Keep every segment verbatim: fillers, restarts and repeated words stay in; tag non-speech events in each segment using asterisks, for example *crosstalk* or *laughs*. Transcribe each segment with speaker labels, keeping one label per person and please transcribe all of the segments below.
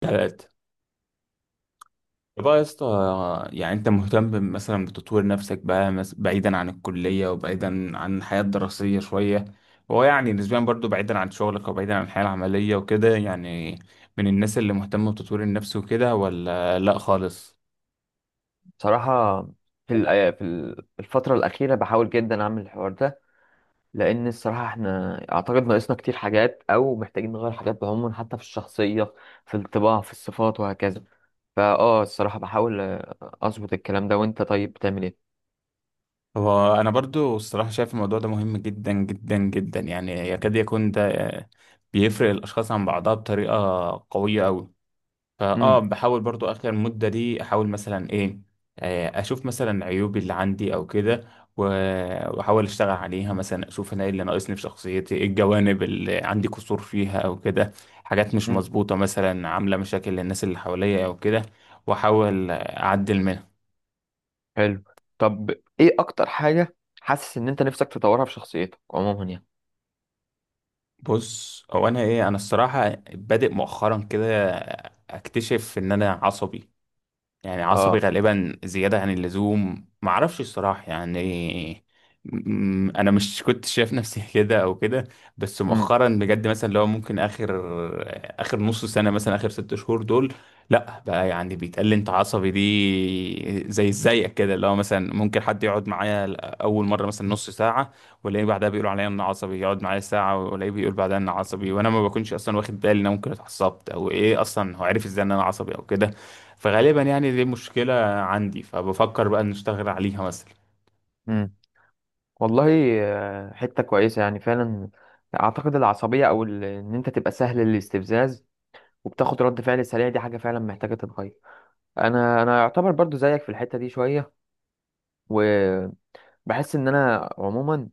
Speaker 1: تلاتة بقى يا اسطى. يعني انت مهتم مثلا بتطوير نفسك بقى مس- بعيدا عن الكلية وبعيدا عن الحياة الدراسية شوية. هو يعني نسبيا برضو بعيدا عن شغلك وبعيدا عن الحياة العملية وكده، يعني من الناس اللي مهتمة بتطوير النفس وكده ولا لا خالص؟
Speaker 2: صراحة. في الأي- في ال- في الفترة الأخيرة بحاول جدا أعمل الحوار ده، لأن الصراحة إحنا أعتقد ناقصنا كتير حاجات، أو محتاجين نغير حاجات بعموم، حتى في الشخصية، في الطباع، في الصفات، وهكذا. فأه الصراحة بحاول آه، أظبط الكلام ده. وأنت طيب بتعمل إيه؟
Speaker 1: هو انا برضو الصراحة شايف الموضوع ده مهم جدا جدا جدا، يعني يكاد يكون ده بيفرق الاشخاص عن بعضها بطريقة قوية أوي. فاه
Speaker 2: امم،
Speaker 1: بحاول برضو اخر المدة دي احاول مثلا ايه، آه، اشوف مثلا عيوبي اللي عندي او كده، و- واحاول اشتغل عليها، مثلا اشوف انا ايه اللي ناقصني في شخصيتي، ايه الجوانب اللي عندي قصور فيها او كده، حاجات مش
Speaker 2: امم.
Speaker 1: مظبوطة مثلا عاملة مشاكل للناس اللي حواليا او كده، واحاول اعدل منها.
Speaker 2: حلو. طب، إيه أكتر حاجة حاسس إن أنت نفسك تطورها في شخصيتك عموما يعني؟
Speaker 1: بص هو انا ايه، انا الصراحة بادئ مؤخرا كده اكتشف ان انا عصبي، يعني عصبي
Speaker 2: أه.
Speaker 1: غالبا زيادة عن اللزوم، معرفش الصراحة يعني. م- أنا مش *laughs* كنت شايف نفسي كده أو كده، بس
Speaker 2: امم،
Speaker 1: مؤخرا بجد مثلا لو ممكن آخر آخر نص سنة، مثلا آخر ست شهور دول، لأ بقى يعني بيتقال لي أنت عصبي دي، زي زيك كده، اللي هو مثلا ممكن حد يقعد معايا أول مرة مثلا نص ساعة والاقيه بعدها بيقولوا عليا إن عصبي، يقعد معايا ساعة والاقيه بيقول بعدها إن عصبي، وأنا ما بكونش أصلا واخد بالي إن أنا ممكن اتعصبت أو إيه، أصلا هو عارف إزاي إن أنا عصبي أو كده. فغالبا يعني دي مشكلة عندي، فبفكر بقى نشتغل عليها مثلا.
Speaker 2: امم. والله، آه، حتة كويسة يعني فعلا. أعتقد العصبية أو ال- إن أنت تبقى سهل الاستفزاز، وبتاخد رد فعل سريع، دي حاجة فعلا محتاجة تتغير. انا انا يعتبر برضو زيك في الحتة دي شوية، وبحس ان انا عموما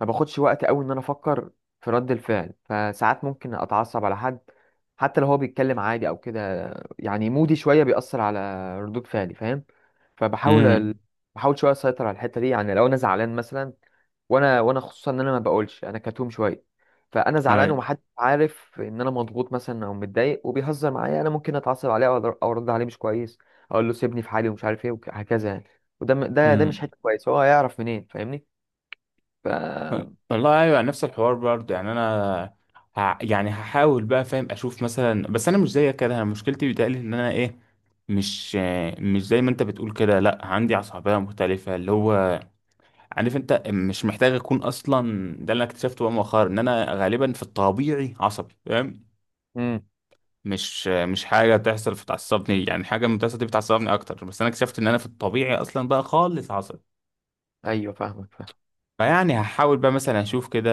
Speaker 2: ما باخدش وقت قوي ان انا افكر في رد الفعل، فساعات ممكن اتعصب على حد حتى لو هو بيتكلم عادي او كده. يعني مودي شوية بيأثر على ردود فعلي، فاهم؟ فبحاول ال-
Speaker 1: امم،
Speaker 2: بحاول شوية اسيطر على الحتة دي. يعني لو انا زعلان مثلا، وانا وانا خصوصا ان انا ما بقولش، انا كتوم شويه. فانا زعلان
Speaker 1: ايوه.
Speaker 2: ومحدش عارف ان انا مضغوط مثلا او متضايق، وبيهزر معايا، انا ممكن اتعصب عليه او أر- أو ارد عليه مش كويس. اقول له سيبني في حالي ومش عارف ايه وهكذا يعني. وده م- ده ده مش
Speaker 1: امم.
Speaker 2: حته كويسه، هو هيعرف منين؟ فاهمني؟ ف
Speaker 1: والله ايوه نفس الحوار برضه، يعني انا ه... يعني هحاول بقى، فاهم، اشوف مثلا. بس انا مش زيك كده، انا مشكلتي بيتهيألي ان انا ايه، مش مش زي ما انت بتقول كده، لا عندي عصبية مختلفة، اللي هو عارف انت مش محتاج اكون اصلا، ده اللي انا اكتشفته بقى مؤخرا ان انا غالبا في الطبيعي عصبي، فاهم؟
Speaker 2: امم.
Speaker 1: مش مش حاجة تحصل فتعصبني، يعني حاجة من بتحصل دي بتعصبني أكتر، بس أنا اكتشفت إن أنا في الطبيعي أصلا بقى خالص عصبي.
Speaker 2: ايوه، فاهمك.
Speaker 1: فيعني هحاول بقى مثلا أشوف كده،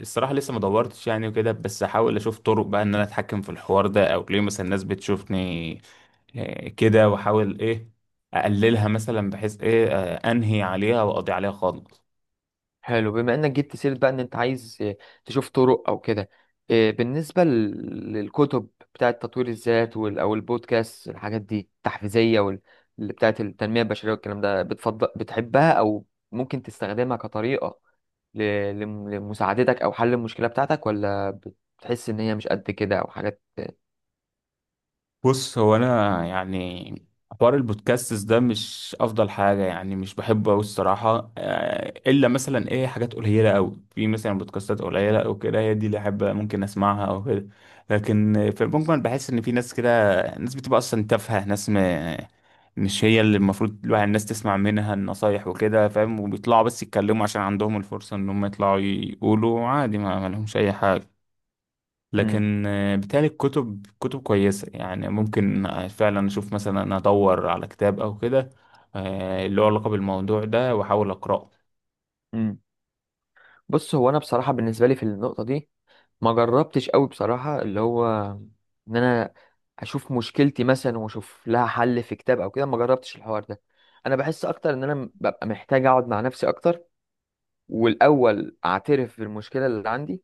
Speaker 1: الصراحة لسه ما دورتش يعني وكده، بس هحاول أشوف طرق بقى إن أنا أتحكم في الحوار ده، أو ليه مثلا الناس بتشوفني آه، كده، وأحاول إيه أقللها مثلا، بحيث إيه آه، أنهي عليها وأقضي عليها خالص.
Speaker 2: حلو، بما انك جبت سيرة بقى ان انت عايز، آه، تشوف طرق او كده. آه، بالنسبة لل- للكتب بتاعة تطوير الذات وال- او البودكاست، الحاجات دي التحفيزية وال- اللي بتاعة التنمية البشرية والكلام ده، بتفضل بتحبها او ممكن تستخدمها كطريقة ل- لم- لمساعدتك او حل المشكلة بتاعتك، ولا بتحس ان هي مش قد كده او حاجات؟
Speaker 1: بص هو انا يعني حوار البودكاستس ده مش افضل حاجه، يعني مش بحبه قوي الصراحه، آه، الا مثلا ايه حاجات قليله قوي، في مثلا بودكاستات قليله او كده، هي دي اللي احب ممكن اسمعها او كده. لكن في المجمل بحس ان في ناس كده، ناس بتبقى اصلا تافهه، ناس م... مش هي اللي المفروض الواحد الناس تسمع منها النصايح وكده، فاهم، وبيطلعوا بس يتكلموا عشان عندهم الفرصه ان هم يطلعوا يقولوا عادي، ما ما لهمش اي حاجه.
Speaker 2: مم.
Speaker 1: لكن آه، بالتالي الكتب كتب كويسة، يعني ممكن آه، فعلا أشوف مثلا أدور على كتاب أو كده، آه، اللي هو علاقة بالموضوع ده وأحاول أقرأه.
Speaker 2: مم. بص، هو انا بصراحة بالنسبة لي في النقطة دي ما جربتش قوي بصراحة، اللي هو ان انا اشوف مشكلتي مثلا واشوف لها حل في كتاب او كده، ما جربتش الحوار ده. انا بحس اكتر ان انا ببقى محتاج اقعد مع نفسي اكتر، والاول اعترف بالمشكلة اللي عندي،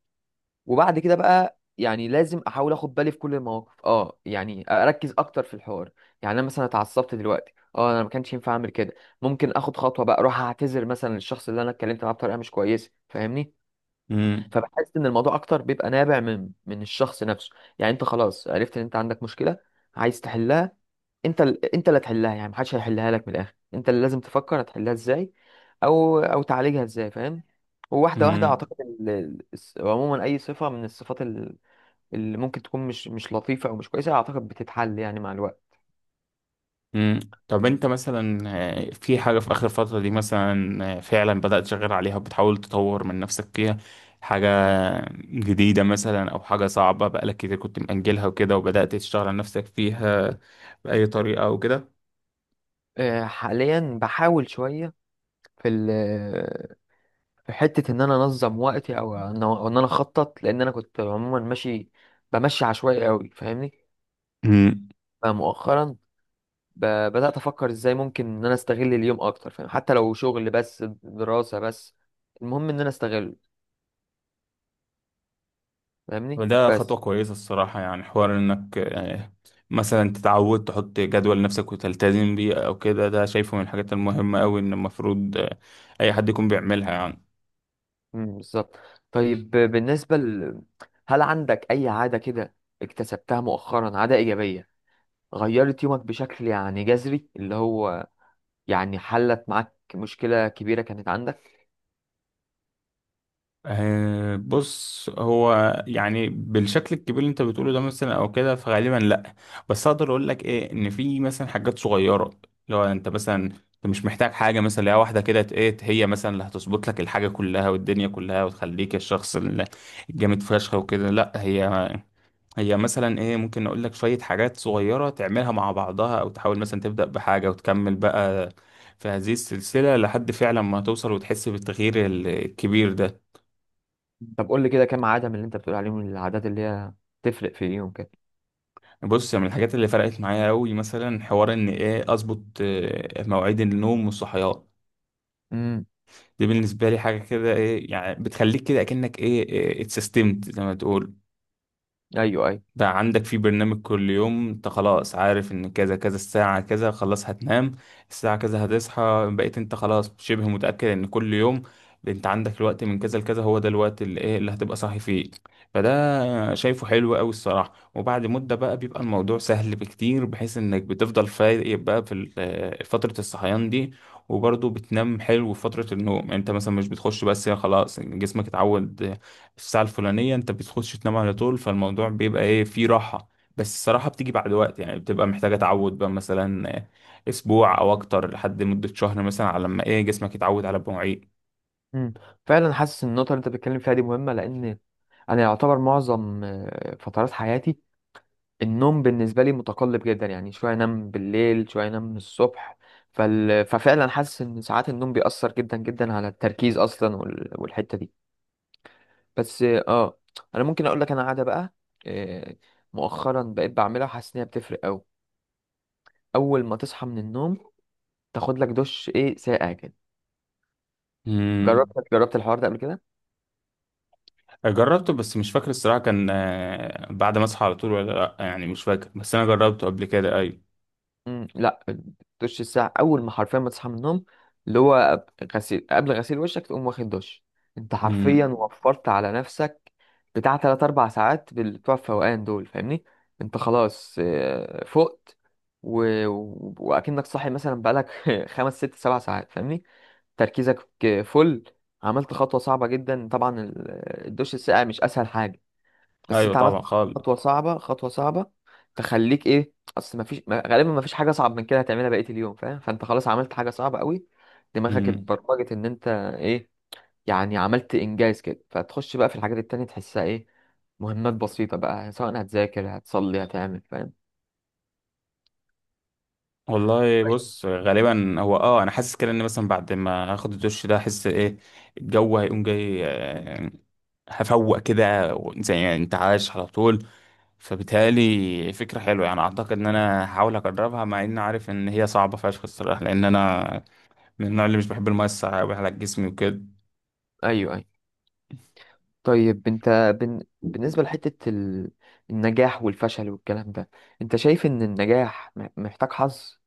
Speaker 2: وبعد كده بقى يعني لازم احاول اخد بالي في كل المواقف، اه يعني اركز اكتر في الحوار. يعني انا مثلا اتعصبت دلوقتي، اه انا ما كانش ينفع اعمل كده. ممكن اخد خطوة بقى، اروح اعتذر مثلا للشخص اللي انا اتكلمت معاه بطريقة مش كويسة، فاهمني؟
Speaker 1: مم.
Speaker 2: فبحس ان الموضوع اكتر بيبقى نابع من من الشخص نفسه. يعني انت خلاص عرفت ان انت عندك مشكله، عايز تحلها، انت ال... انت اللي هتحلها، يعني محدش هيحلها لك، من الاخر انت اللي لازم تفكر هتحلها ازاي، او او تعالجها ازاي، فاهم؟ وواحده واحده،
Speaker 1: مم.
Speaker 2: اعتقد ال... ال- الس- عموما اي صفه من الصفات ال- اللي ممكن تكون مش مش لطيفه او مش كويسه، اعتقد بتتحل يعني مع الوقت.
Speaker 1: مم. طب أنت مثلا، آه، في حاجة في آخر فترة دي مثلا آه، فعلا بدأت تشتغل عليها وبتحاول تطور من نفسك فيها، حاجة جديدة مثلا، أو حاجة صعبة بقالك كتير كنت مأجلها وكده وبدأت تشتغل على نفسك فيها بأي طريقة أو كده؟
Speaker 2: آه، حاليا بحاول شويه في في حتة إن أنا أنظم وقتي أو إن أو إن أنا أخطط، لأن أنا كنت عموما ماشي بمشي عشوائي أوي، فاهمني؟ فمؤخرا ب- بدأت أفكر إزاي ممكن إن أنا أستغل اليوم أكتر، فاهم؟ حتى لو شغل بس دراسة بس، المهم إن أنا أستغله، فاهمني؟
Speaker 1: وده خطوة
Speaker 2: بس
Speaker 1: كويسة الصراحة، يعني حوار انك آه، مثلا تتعود تحط جدول لنفسك وتلتزم بيه او كده، ده شايفه من الحاجات المهمة اوي، ان المفروض آه، اي حد يكون بيعملها يعني.
Speaker 2: مم، بالظبط. طيب، ب- بالنسبة ل... هل عندك أي عادة كده اكتسبتها مؤخرا، عادة إيجابية غيرت يومك بشكل يعني جذري، اللي هو يعني حلت معاك مشكلة كبيرة كانت عندك؟
Speaker 1: آه، بص هو يعني بالشكل الكبير اللي انت بتقوله ده مثلا او كده فغالبا لا، بس اقدر اقول لك ايه، ان في مثلا حاجات صغيرة. لو انت مثلا، انت مش محتاج حاجة مثلا لو واحدة كده ت- ايه هي مثلا اللي هتظبط لك الحاجة كلها والدنيا كلها وتخليك الشخص ال- الجامد فشخ وكده، لا، هي هي مثلا ايه، ممكن اقول لك شوية حاجات صغيرة تعملها مع بعضها، او تحاول مثلا تبدأ بحاجة وتكمل بقى في هذه السلسلة لحد فعلا ما توصل وتحس بالتغيير ال- الكبير ده.
Speaker 2: طب قول لي كده، كام عاده من اللي انت بتقول عليهم، العادات اللي هي تفرق في اليوم كده؟
Speaker 1: بص من الحاجات اللي فرقت معايا قوي مثلا، حوار ان ايه اظبط آه، مواعيد النوم والصحيان.
Speaker 2: امم.
Speaker 1: دي بالنسبة لي حاجة كده ايه، يعني بتخليك كده اكنك ايه آه، اتسيستمت زي ما تقول،
Speaker 2: ايوه، ايوه.
Speaker 1: بقى عندك في برنامج كل يوم، انت خلاص عارف ان كذا كذا، الساعة كذا خلاص هتنام، الساعة كذا هتصحى، بقيت انت خلاص شبه متأكد ان كل يوم انت عندك الوقت من كذا لكذا، هو ده الوقت اللي ايه اللي هتبقى صاحي فيه. فده شايفه حلو قوي الصراحة، وبعد مدة بقى بيبقى الموضوع سهل بكتير، بحيث انك بتفضل فايق بقى في ال- آه، فترة الصحيان دي، وبرضه بتنام حلو في فترة النوم، يعني انت مثلا مش بتخش بس خلاص جسمك اتعود، في الساعة الفلانية انت بتخش تنام على طول، فالموضوع بيبقى ايه، فيه راحة. بس الصراحة بتيجي بعد وقت، يعني بتبقى محتاجة تعود بقى مثلا اسبوع او اكتر، لحد مدة شهر مثلا، على ما ايه جسمك يتعود على المواعيد.
Speaker 2: امم فعلا حاسس ان النقطه اللي انت بتتكلم فيها دي مهمه، لان انا يعتبر معظم آه، فترات حياتي، النوم بالنسبه لي متقلب جدا، يعني شويه انام بالليل، شويه انام الصبح. فال... ففعلا حاسس ان ساعات النوم بيأثر جدا جدا على التركيز اصلا وال... والحته دي. بس اه آه، انا ممكن اقول لك انا عاده بقى، آه، مؤخرا بقيت بعملها وحاسس ان هي بتفرق قوي. اول ما تصحى من النوم، تاخد لك دش ايه ساقع كده.
Speaker 1: امم.
Speaker 2: جربت جربت الحوار ده قبل كده؟
Speaker 1: جربته، بس مش فاكر الصراحة كان آه، بعد ما اصحى على طول ولا لا، يعني مش فاكر، بس انا جربته قبل كده ايوه.
Speaker 2: امم، لا، الدش الساقع اول ما حرفيا ما تصحى من النوم، اللي هو قبل غسيل قبل غسيل وشك، تقوم واخد دش. انت حرفيا
Speaker 1: امم.
Speaker 2: وفرت على نفسك بتاع تلاتة اربع ساعات بال- بتوع الفوقان دول، فاهمني؟ انت خلاص آه، فقت، و... و- واكنك صاحي مثلا بقالك *laughs* خمس ست سبع ساعات، فاهمني؟ تركيزك. فل عملت خطوة صعبة جدا طبعا، ال- الدش الساقع مش اسهل حاجة، بس
Speaker 1: ايوه
Speaker 2: انت عملت
Speaker 1: طبعا خالص.
Speaker 2: خطوه صعبه، خطوه صعبه تخليك ايه. اصل ما فيش، غالبا ما فيش حاجه اصعب من كده هتعملها بقيه اليوم، فاهم؟ فانت خلاص عملت حاجه صعبه قوي، دماغك
Speaker 1: امم.
Speaker 2: اتبرمجت ان انت ايه، يعني عملت انجاز كده، فتخش بقى في الحاجات التانية تحسها ايه، مهمات بسيطه بقى، سواء هتذاكر، هتصلي، هتعمل، فاهم؟
Speaker 1: والله بص غالبا هو اه انا حاسس كده ان مثلا بعد ما هاخد الدش ده احس ايه، الجو هيقوم جاي، آه، هفوق كده و- زي انتعاش على طول، فبالتالي فكرة حلوة يعني، اعتقد ان انا هحاول اجربها، مع اني عارف ان هي صعبة فشخ الصراحة، لان انا من النوع اللي مش بحب المية الساقعة أوي على جسمي وكده.
Speaker 2: ايوه، ايوه. طيب انت، بن... بالنسبه لحته ال... النجاح والفشل والكلام ده، انت شايف ان النجاح م- محتاج حظ،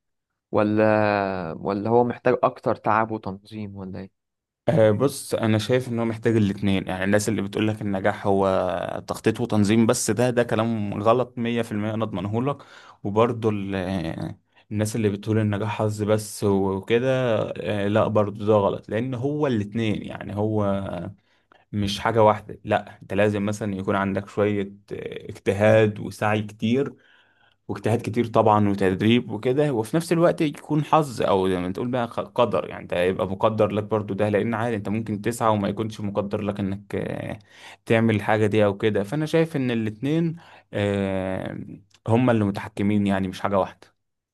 Speaker 2: ولا ولا هو محتاج اكتر تعب وتنظيم ولا ايه؟
Speaker 1: أه بص انا شايف ان هو محتاج الاتنين، يعني الناس اللي بتقول لك النجاح هو تخطيط وتنظيم بس، ده ده كلام غلط مية بالمية، انا اضمنه لك. وبرضه ال- آه، الناس اللي بتقول النجاح حظ بس وكده، آه، لا برضه ده غلط، لان هو الاتنين، يعني هو مش حاجة واحدة، لا، انت لازم مثلا يكون عندك شوية آه، اجتهاد وسعي كتير، واجتهاد كتير طبعا وتدريب وكده، وفي نفس الوقت يكون حظ، او زي ما تقول بقى، خ- قدر، يعني انت هيبقى مقدر لك برضو ده، لان عادي انت ممكن تسعى وما يكونش مقدر لك انك آه، تعمل الحاجة دي او كده. فانا شايف ان الاتنين آه، هما اللي متحكمين، يعني مش حاجة واحدة.